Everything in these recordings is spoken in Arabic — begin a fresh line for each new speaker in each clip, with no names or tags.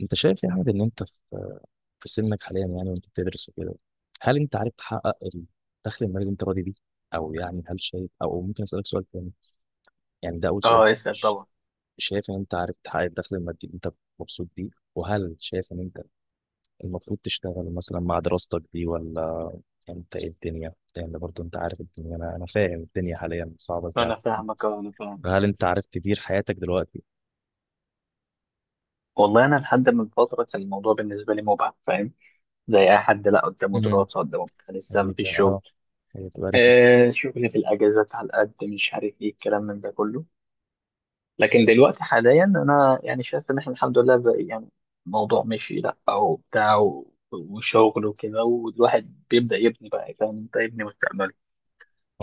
انت شايف يا احمد ان انت في سنك حاليا يعني وانت بتدرس وكده؟ هل انت عارف تحقق الدخل المالي اللي انت راضي بيه؟ او يعني هل شايف، او ممكن اسالك سؤال تاني؟ يعني ده اول سؤال.
اه، اسأل
ش-
طبعا.
شايف ان انت عارف تحقق الدخل المادي اللي انت مبسوط بيه؟ وهل شايف ان انت المفروض تشتغل مثلا مع دراستك دي ولا انت ايه الدنيا؟ لان برضه انت عارف الدنيا، انا فاهم الدنيا حاليا صعبه ازاي على
انا فاهمك،
الناس.
اه انا فاهم.
فهل انت عارف تدير حياتك دلوقتي؟
والله انا لحد من فتره كان الموضوع بالنسبه لي مبعد فاهم، زي اي حد لا قدامه
امم
دراسه قدامه بتاع لسه ما فيش شغل.
اه هي تبقى
آه شغل في الاجازات على قد مش عارف ايه الكلام من ده كله. لكن دلوقتي حاليا انا يعني شايف ان احنا الحمد لله بقى يعني الموضوع مشي لا او بتاع وشغل وكده، والواحد بيبدا يبني بقى، فاهم انت، يبني مستقبله،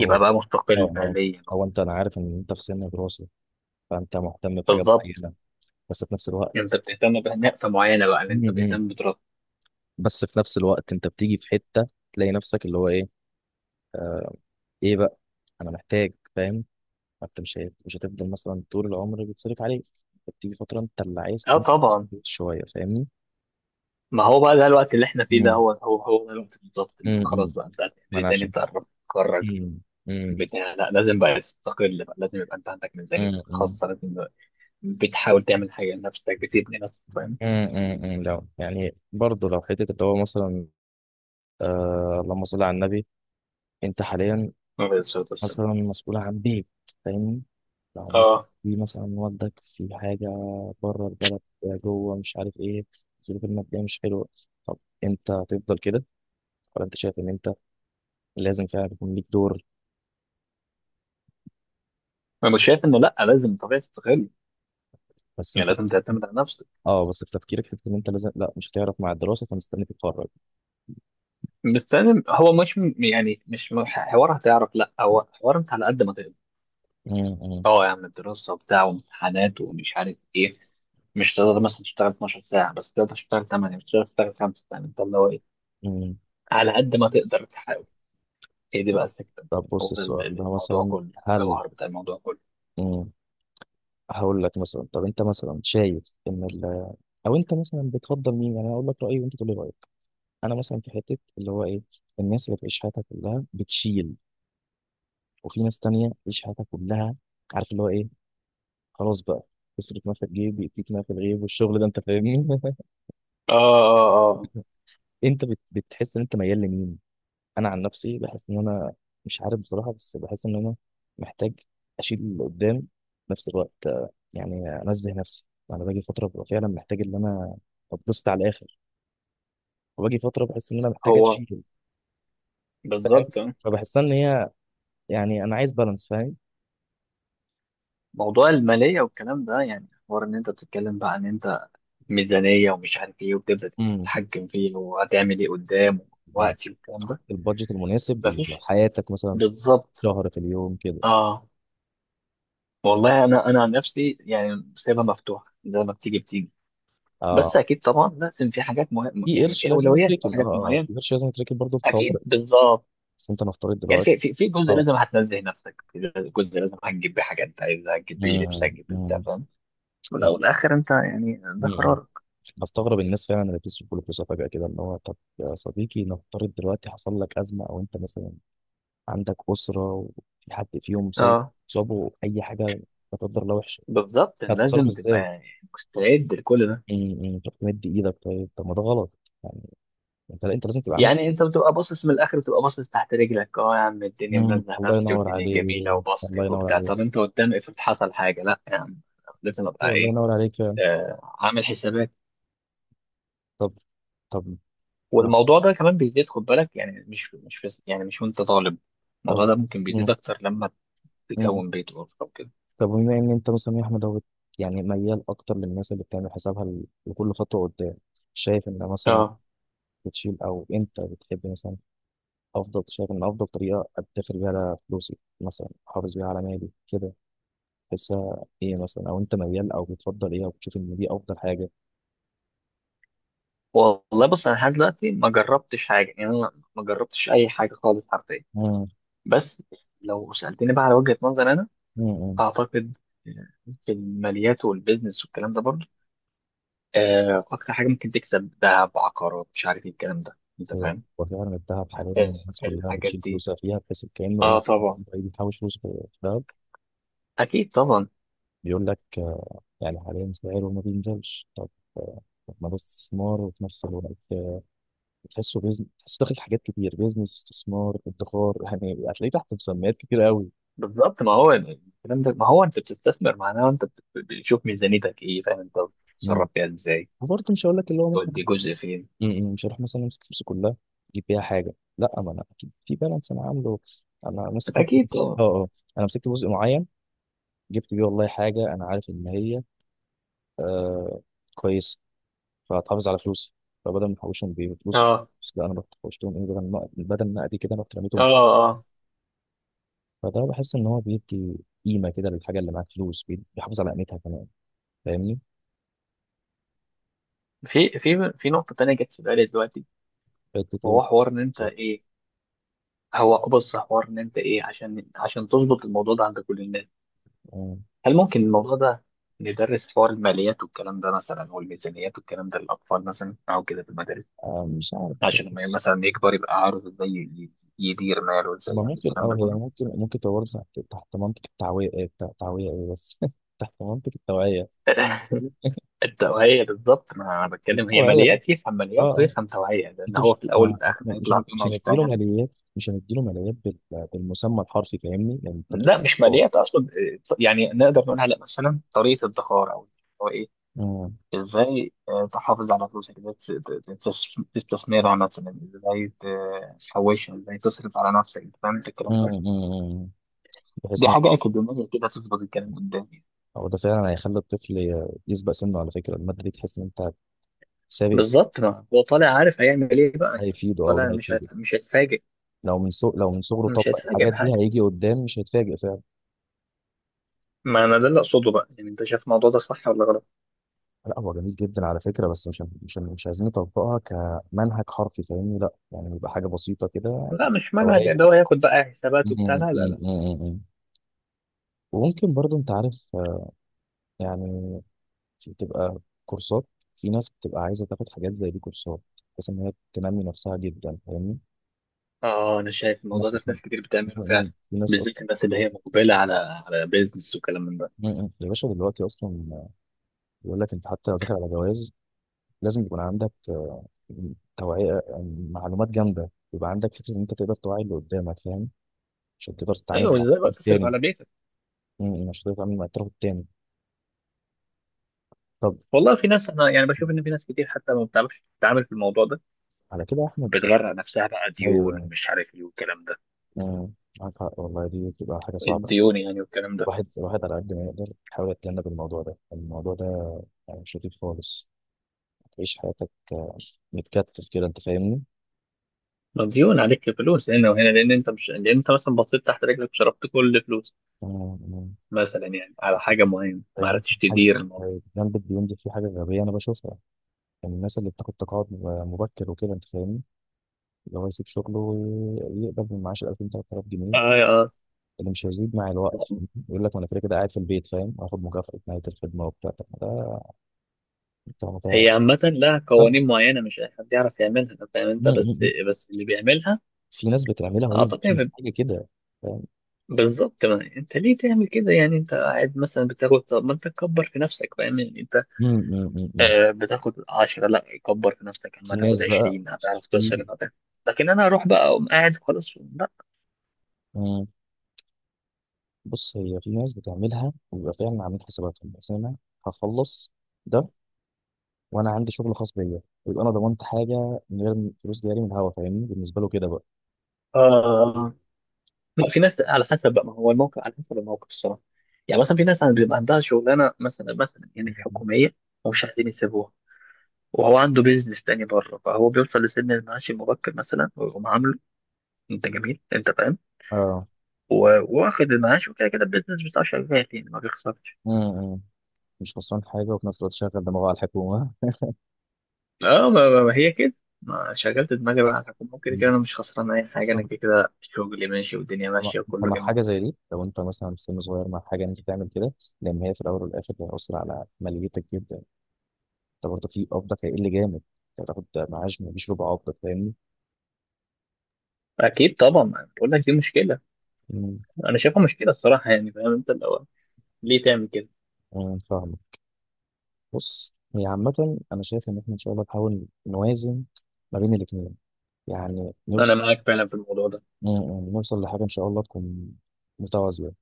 هو اه
بقى مستقل
اه
ماليا.
هو انت انا عارف ان انت في سن دراسه، فانت مهتم بحاجه
بالظبط،
معينه، بس في نفس
انت
الوقت.
بتهتم بنقطه معينه بقى، اللي انت
امم
بتهتم بدراستك.
بس في نفس الوقت انت بتيجي في حته تلاقي نفسك اللي هو ايه، ايه بقى، انا محتاج فاهم. انت مش هتفضل مثلا طول العمر بيتصرف عليك، انت بتيجي فتره انت اللي عايز
اه طبعا.
تنتج شويه، فاهمني؟
ما هو بقى ده الوقت اللي احنا فيه، ده
امم
هو ده الوقت بالظبط اللي هو خلاص
امم
بقى انت هتعمل
ما
ايه
انا
تاني،
عشان
انت قربت تتخرج.
امم امم
بتاع لا، لازم بقى تستقل، بقى لازم يبقى انت عندك ميزانية
امم
خاصة، لازم بقى بتحاول تعمل حاجة لنفسك، بتبني نفسك، فاهم؟
لا، يعني برضه لو حته اللي هو مثلا، آه اللهم صل على النبي. انت حاليا
عليه الصلاة والسلام.
مثلا مسؤولة عن بيت، فاهمني؟ لو مثلا
اه،
في مثلا والدك في حاجة بره البلد، جوه، مش عارف ايه، الظروف المادية مش حلوة، طب انت هتفضل كده ولا انت شايف ان انت لازم فعلا يكون ليك دور؟
انا مش شايف انه لا، لازم طبيعي تستقل،
بس انت،
يعني لازم تعتمد على نفسك.
اه، بس في تفكيرك حتة ان انت لازم، لا مش هتعرف مع الدراسة فمستني تتخرج.
بس لازم، هو مش يعني مش حوار هتعرف لا، هو حوار انت على قد ما تقدر.
امم
اه يا عم دراسة وبتاع وامتحانات ومش عارف ايه، مش تقدر مثلا تشتغل 12 ساعة، بس تقدر تشتغل 8، مش تقدر تشتغل 5، فاهم انت اللي هو ايه،
امم
على قد ما تقدر تحاول. هي دي بقى
طب،
الفكرة.
طب بص
هو ده
السؤال ده
الموضوع
مثلا،
كله،
هل،
الجوهر بتاع الموضوع كله.
امم هقول لك مثلا، طب انت مثلا شايف ان ال... او انت مثلا بتفضل مين؟ يعني أنا هقول لك رأيي وانت تقول لي رأيك. انا مثلا في حته اللي هو ايه، الناس اللي بتعيش حياتها كلها بتشيل، وفي ناس تانية بتعيش حياتها كلها، عارف اللي هو ايه، خلاص بقى، تصرف ما في الجيب يأتيك ما في الغيب، والشغل ده انت فاهمني.
اه اه
انت بتحس ان انت ميال لمين؟ انا عن نفسي بحس ان انا مش عارف بصراحه، بس بحس ان انا محتاج اشيل اللي قدام، في نفس الوقت آه، يعني انزه نفسي. انا باجي فتره ببقى فعلا محتاج ان انا اتبسط على الاخر، وباجي فتره بحس ان انا محتاج
هو
اشيل.
بالظبط اه.
فبحس ان هي، يعني انا عايز بالانس، فاهم؟
موضوع المالية والكلام ده يعني حوار ان انت بتتكلم بقى ان انت ميزانية ومش عارف ايه، وبتبدأ
امم
تتحكم فيه وهتعمل ايه قدام
مم.
ووقتي والكلام
تحط
ده.
البادجت المناسب
مفيش،
لحياتك مثلا
بالظبط.
شهر في اليوم كده.
اه، والله انا عن نفسي يعني سايبها مفتوحه زي ما بتيجي بتيجي. بس
اه،
اكيد طبعا لازم، في حاجات مهمه
في
يعني،
قرش
في
لازم
اولويات، في
يتركن. اه
حاجات
اه آه،
معينه.
في قرش لازم يتركن برضه في الطوارئ.
اكيد بالظبط.
بس انت نفترض
يعني
دلوقتي،
في في جزء
اه،
لازم هتنزه نفسك، في جزء لازم هتجيب بيه حاجه انت عايزها، هتجيب بيه لبس،
مم،
هتجيب بيه بتاع،
مم،
فاهم.
ما-
والاول والاخر انت يعني ده
مم.
قرارك.
بستغرب الناس فعلا اللي بتصرف كل فلوسها فجأة كده، اللي هو طب يا صديقي نفترض دلوقتي حصل لك أزمة، أو أنت مثلا عندك أسرة وفي حد فيهم صاب،
اه،
صابه أي حاجة، لا قدر الله، وحشة،
بالظبط،
هتتصرف
لازم تبقى
إزاي؟
يعني مستعد لكل ده.
طب تمد إيدك؟ طيب طب ما ده غلط يعني. أنت، لا أنت لازم تبقى عامل.
يعني انت بتبقى باصص من الاخر، بتبقى باصص تحت رجلك، اه يا عم الدنيا
مم.
منزه
الله
نفسي
ينور
والدنيا
عليك،
جميله
الله
وبصرف
ينور
وبتاع،
عليك.
طب انت قدام افرض حصل حاجه، لا يا عم لازم ابقى
أيوة، الله
ايه،
ينور عليك فعلا.
آه، عامل حسابات.
طب، طب يعني،
والموضوع ده كمان بيزيد، خد بالك، يعني مش مش بس يعني مش وانت طالب،
طب.
الموضوع ده ممكن بيزيد
مم.
اكتر لما
مم.
تكون بيت واسره وكده.
طب بما ان انت مثلا يا احمد هو يعني ميال اكتر للناس اللي بتعمل حسابها لكل خطوه قدام، شايف ان مثلا
اه،
بتشيل، او انت بتحب مثلا افضل، شايف ان افضل طريقه ادخر بيها على فلوسي مثلا، احافظ بيها على مالي كده، تحسها ايه مثلا؟ او انت ميال او بتفضل ايه، او بتشوف ان دي افضل حاجه؟
والله بص انا لحد دلوقتي ما جربتش حاجه يعني، انا ما جربتش اي حاجه خالص حرفيا.
مم.
بس لو سالتني بقى على وجهه نظر انا،
مم.
اعتقد في الماليات والبيزنس والكلام ده برضه، آه، اكتر حاجه ممكن تكسب ذهب، عقارات، مش عارف ايه الكلام ده انت
ايوه،
فاهم،
وفعلا الذهب حاليا
آه،
الناس كلها
الحاجات
بتشيل
دي.
فلوسها فيها، بحيث كانه
اه
يعني
طبعا.
واحد بيحوش فلوس في الذهب،
اكيد طبعا.
بيقول لك آه، يعني حاليا سعره ما بينزلش. طب آه، طب ما ده استثمار وفي نفس الوقت آه، تحسه بيزنس، تحسه داخل في حاجات كتير، بيزنس، استثمار، ادخار، يعني هتلاقيه تحت مسميات كتير قوي.
بالظبط، ما هو الكلام ده، ما هو انت بتستثمر، معناه انت بتشوف ميزانيتك ايه، فاهم انت
مم.
بتتصرف فيها ازاي،
وبرضه مش هقول لك اللي هو مثلا
تودي جزء فين.
م- م، مش هروح مثلا امسك فلوسي كلها اجيب بيها حاجه، لا، ما انا اكيد في بالانس انا عامله. انا ماسك مثلا
اكيد
جزء،
طبعا.
اه اه، انا مسكت جزء معين جبت بيه والله حاجه انا عارف ان هي آه كويس، فهتحافظ على فلوسي. فبدل ما احوشهم بفلوسي،
اه
بس لا، انا رحت حوشتهم ايه، بدل ما، بدل ما ادي كده رحت
اه
رميتهم.
اه
فده بحس ان هو بيدي قيمه كده للحاجه اللي معاك، فلوس بيحافظ على قيمتها كمان، فاهمني؟
في في نقطة تانية جت في بالي دلوقتي،
حتة إيه؟
وهو حوار ان انت
بالظبط.
ايه، هو بص حوار ان انت ايه، عشان عشان تظبط الموضوع ده عند كل الناس،
آه،
هل ممكن الموضوع ده ندرس حوار الماليات والكلام ده مثلا، والميزانيات والكلام ده، للاطفال مثلا او كده في المدارس،
آه، مش عارف بس.
عشان لما مثلا يكبر يبقى عارف ازاي يدير ماله، وازاي
ما
يعمل
ممكن،
الكلام
اه،
ده
هي
كله.
ممكن، ممكن تبقى برضه تحت، تحت منطق التعويه إيه، التعويه ايه بس، تحت منطق التوعيه.
التوعية بالظبط، ما أنا
دي
بتكلم هي
توعيه بقى.
ماليات، يفهم
اه
ماليات
آه.
ويفهم توعية، لأن
انتوا
هو
مش،
في الأول
ما احنا
والآخر هيطلع فيهم
مش هنديله
هيشتغل.
ماليات، مش هنديله ماليات بالمسمى الحرفي فاهمني، يعني انت بتبقى،
لا مش
اه.
ماليات أصلا إيه، يعني نقدر نقول على مثلا طريقة ادخار، أو هو إيه،
امم،
إزاي آه، تحافظ على فلوسك، إزاي تستثمرها مثلا، إزاي تحوشها، إزاي تصرف على نفسك، فاهم أنت، فاهم الكلام ده.
امم، امم. بحيث
دي
ان،
حاجة أكاديمية كده، تظبط الكلام قدامي.
هو ده فعلا هيخلي الطفل يسبق سنه، على فكره الماده دي تحس ان انت سابق سنه.
بالظبط، ما هو طالع عارف هيعمل إيه بقى، يعني
هيفيده، او ده
طالع مش
هيفيده.
مش هيتفاجئ.
لو من صغره
مش
طبق
هيتفاجئ
الحاجات دي
بحاجة.
هيجي قدام مش هيتفاجئ فعلا.
ما انا ده اللي اقصده، بقى يعني انت شايف الموضوع ده صح ولا غلط؟
لا هو جميل جدا على فكره، بس مش عايزين نطبقها كمنهج حرفي، فاهمني؟ لا يعني يبقى حاجه بسيطه كده،
لا مش منهج
دوريه.
اللي هو ياخد بقى حسابات
امم،
وبتاع، لا لا
امم،
لا.
امم، امم. وممكن برضو انت عارف، يعني دي بتبقى كورسات، في ناس بتبقى عايزه تاخد حاجات زي دي كورسات، بحيث ان هي تنمي نفسها جدا، فاهمني؟
اه انا شايف الموضوع
الناس
ده في
اصلا،
ناس كتير بتعمله فعلا،
في ناس اصلا،
بالذات الناس اللي هي مقبله على على بيزنس وكلام من ده.
يا باشا دلوقتي اصلا بيقول لك انت حتى لو داخل على جواز لازم يكون عندك آه، توعيه، يعني معلومات جامده يبقى عندك فكره ان انت تقدر توعي اللي قدامك فاهم، عشان تقدر تتعامل
ايوه،
مع
ازاي بقى
الطرف
تصرف
التاني.
على بيتك.
عشان تقدر تتعامل مع الطرف التاني. طب
والله في ناس انا يعني بشوف ان في ناس كتير حتى ما بتعرفش تتعامل في الموضوع ده،
على كده يا احمد.
بتغرق نفسها بقى ديون
ايوه.
ومش عارف ايه والكلام ده،
م- معاك حق والله، دي بتبقى حاجه صعبه.
الديون يعني والكلام ده.
الواحد، الواحد على قد ما يقدر يحاول يتجنب الموضوع ده، الموضوع ده يعني مش لطيف خالص. تعيش حياتك آه، متكتف كده، انت فاهمني؟
ما ديون عليك، فلوس هنا وهنا، لان انت مش لان انت مثلا بصيت تحت رجلك وصرفت كل فلوسك
آه، آه.
مثلا يعني على حاجه معينه، ما
يعني ممكن
عرفتش
حاجة
تدير الموضوع.
جنبك بينزل في حاجة غبية أنا بشوفها، يعني الناس اللي بتاخد تقاعد مبكر وكده أنت فاهمني، اللي هو يسيب شغله ويقبل من معاش 2000 3000 جنيه
اه آه.
اللي مش هيزيد مع الوقت، يقول لك ما أنا كده كده قاعد في البيت فاهم، هاخد مكافأة نهاية الخدمة وبتاع. طب ما ده، طب ما ده
هي عامة لها قوانين
غلط.
معينة، مش أي حد يعرف يعملها، أنت فاهم أنت، بس
م.
بس اللي بيعملها،
في ناس بتعملها وهي
أعتقد
مش محتاجة كده، فاهم؟
بالظبط، ما أنت ليه تعمل كده، يعني أنت قاعد مثلا بتاخد، طب ما أنت تكبر في نفسك، فاهم يعني أنت
م.
آه بتاخد 10، لا كبر في نفسك، أما
في
تاخد
ناس بقى،
20 هتعرف
في،
تصرف، هتعرف. لكن أنا أروح بقى أقوم قاعد خلاص، لا.
مم. بص، هي في ناس بتعملها وبيبقى فعلا عاملين حساباتهم، بس انا هخلص ده وانا عندي شغل خاص بيا، ويبقى انا ضمنت حاجه من غير فلوس جاري من الهوا، فاهمني؟ بالنسبه له كده بقى.
آه لا، في ناس على حسب بقى، ما هو الموقف على حسب الموقف الصراحة، يعني مثلا في ناس بيبقى عندها شغلانة مثلا، مثلا يعني حكومية ومش عايزين يسيبوها، وهو عنده بيزنس تاني بره، فهو بيوصل لسن المعاش المبكر مثلا ويقوم عامله، انت جميل انت فاهم،
اه.
وواخد المعاش، وكده كده البيزنس بتاعه شغال يعني ما بيخسرش.
امم مش خسران حاجه، وفي نفس الوقت شغل دماغه على الحكومه.
اه، ما ما هي كده، ما شغلت دماغي بقى على الحكومة، كده
مم.
كده انا مش خسران اي حاجه،
اصلا
انا كده كده شغلي ماشي والدنيا
مع،
ماشيه وكله
مع حاجه
جميل.
زي دي لو انت مثلا في سن صغير، مع حاجه إن انت تعمل كده، لان هي في الاول والاخر هتاثر على ماليتك جدا. انت برضه في قبضك هيقل جامد، انت هتاخد معاش مفيش ربع قبضك، فاهمني؟
اكيد طبعا، أنا بقول لك دي مشكله، انا شايفها مشكله الصراحه يعني، فاهم انت الاول ليه تعمل كده.
آه، فاهمك. بص هي عامة أنا شايف إن إحنا إن شاء الله نحاول نوازن ما بين الاتنين، يعني
انا
نوصل،
معاك فعلا في الموضوع ده.
نوصل لحاجة إن شاء الله تكون متوازية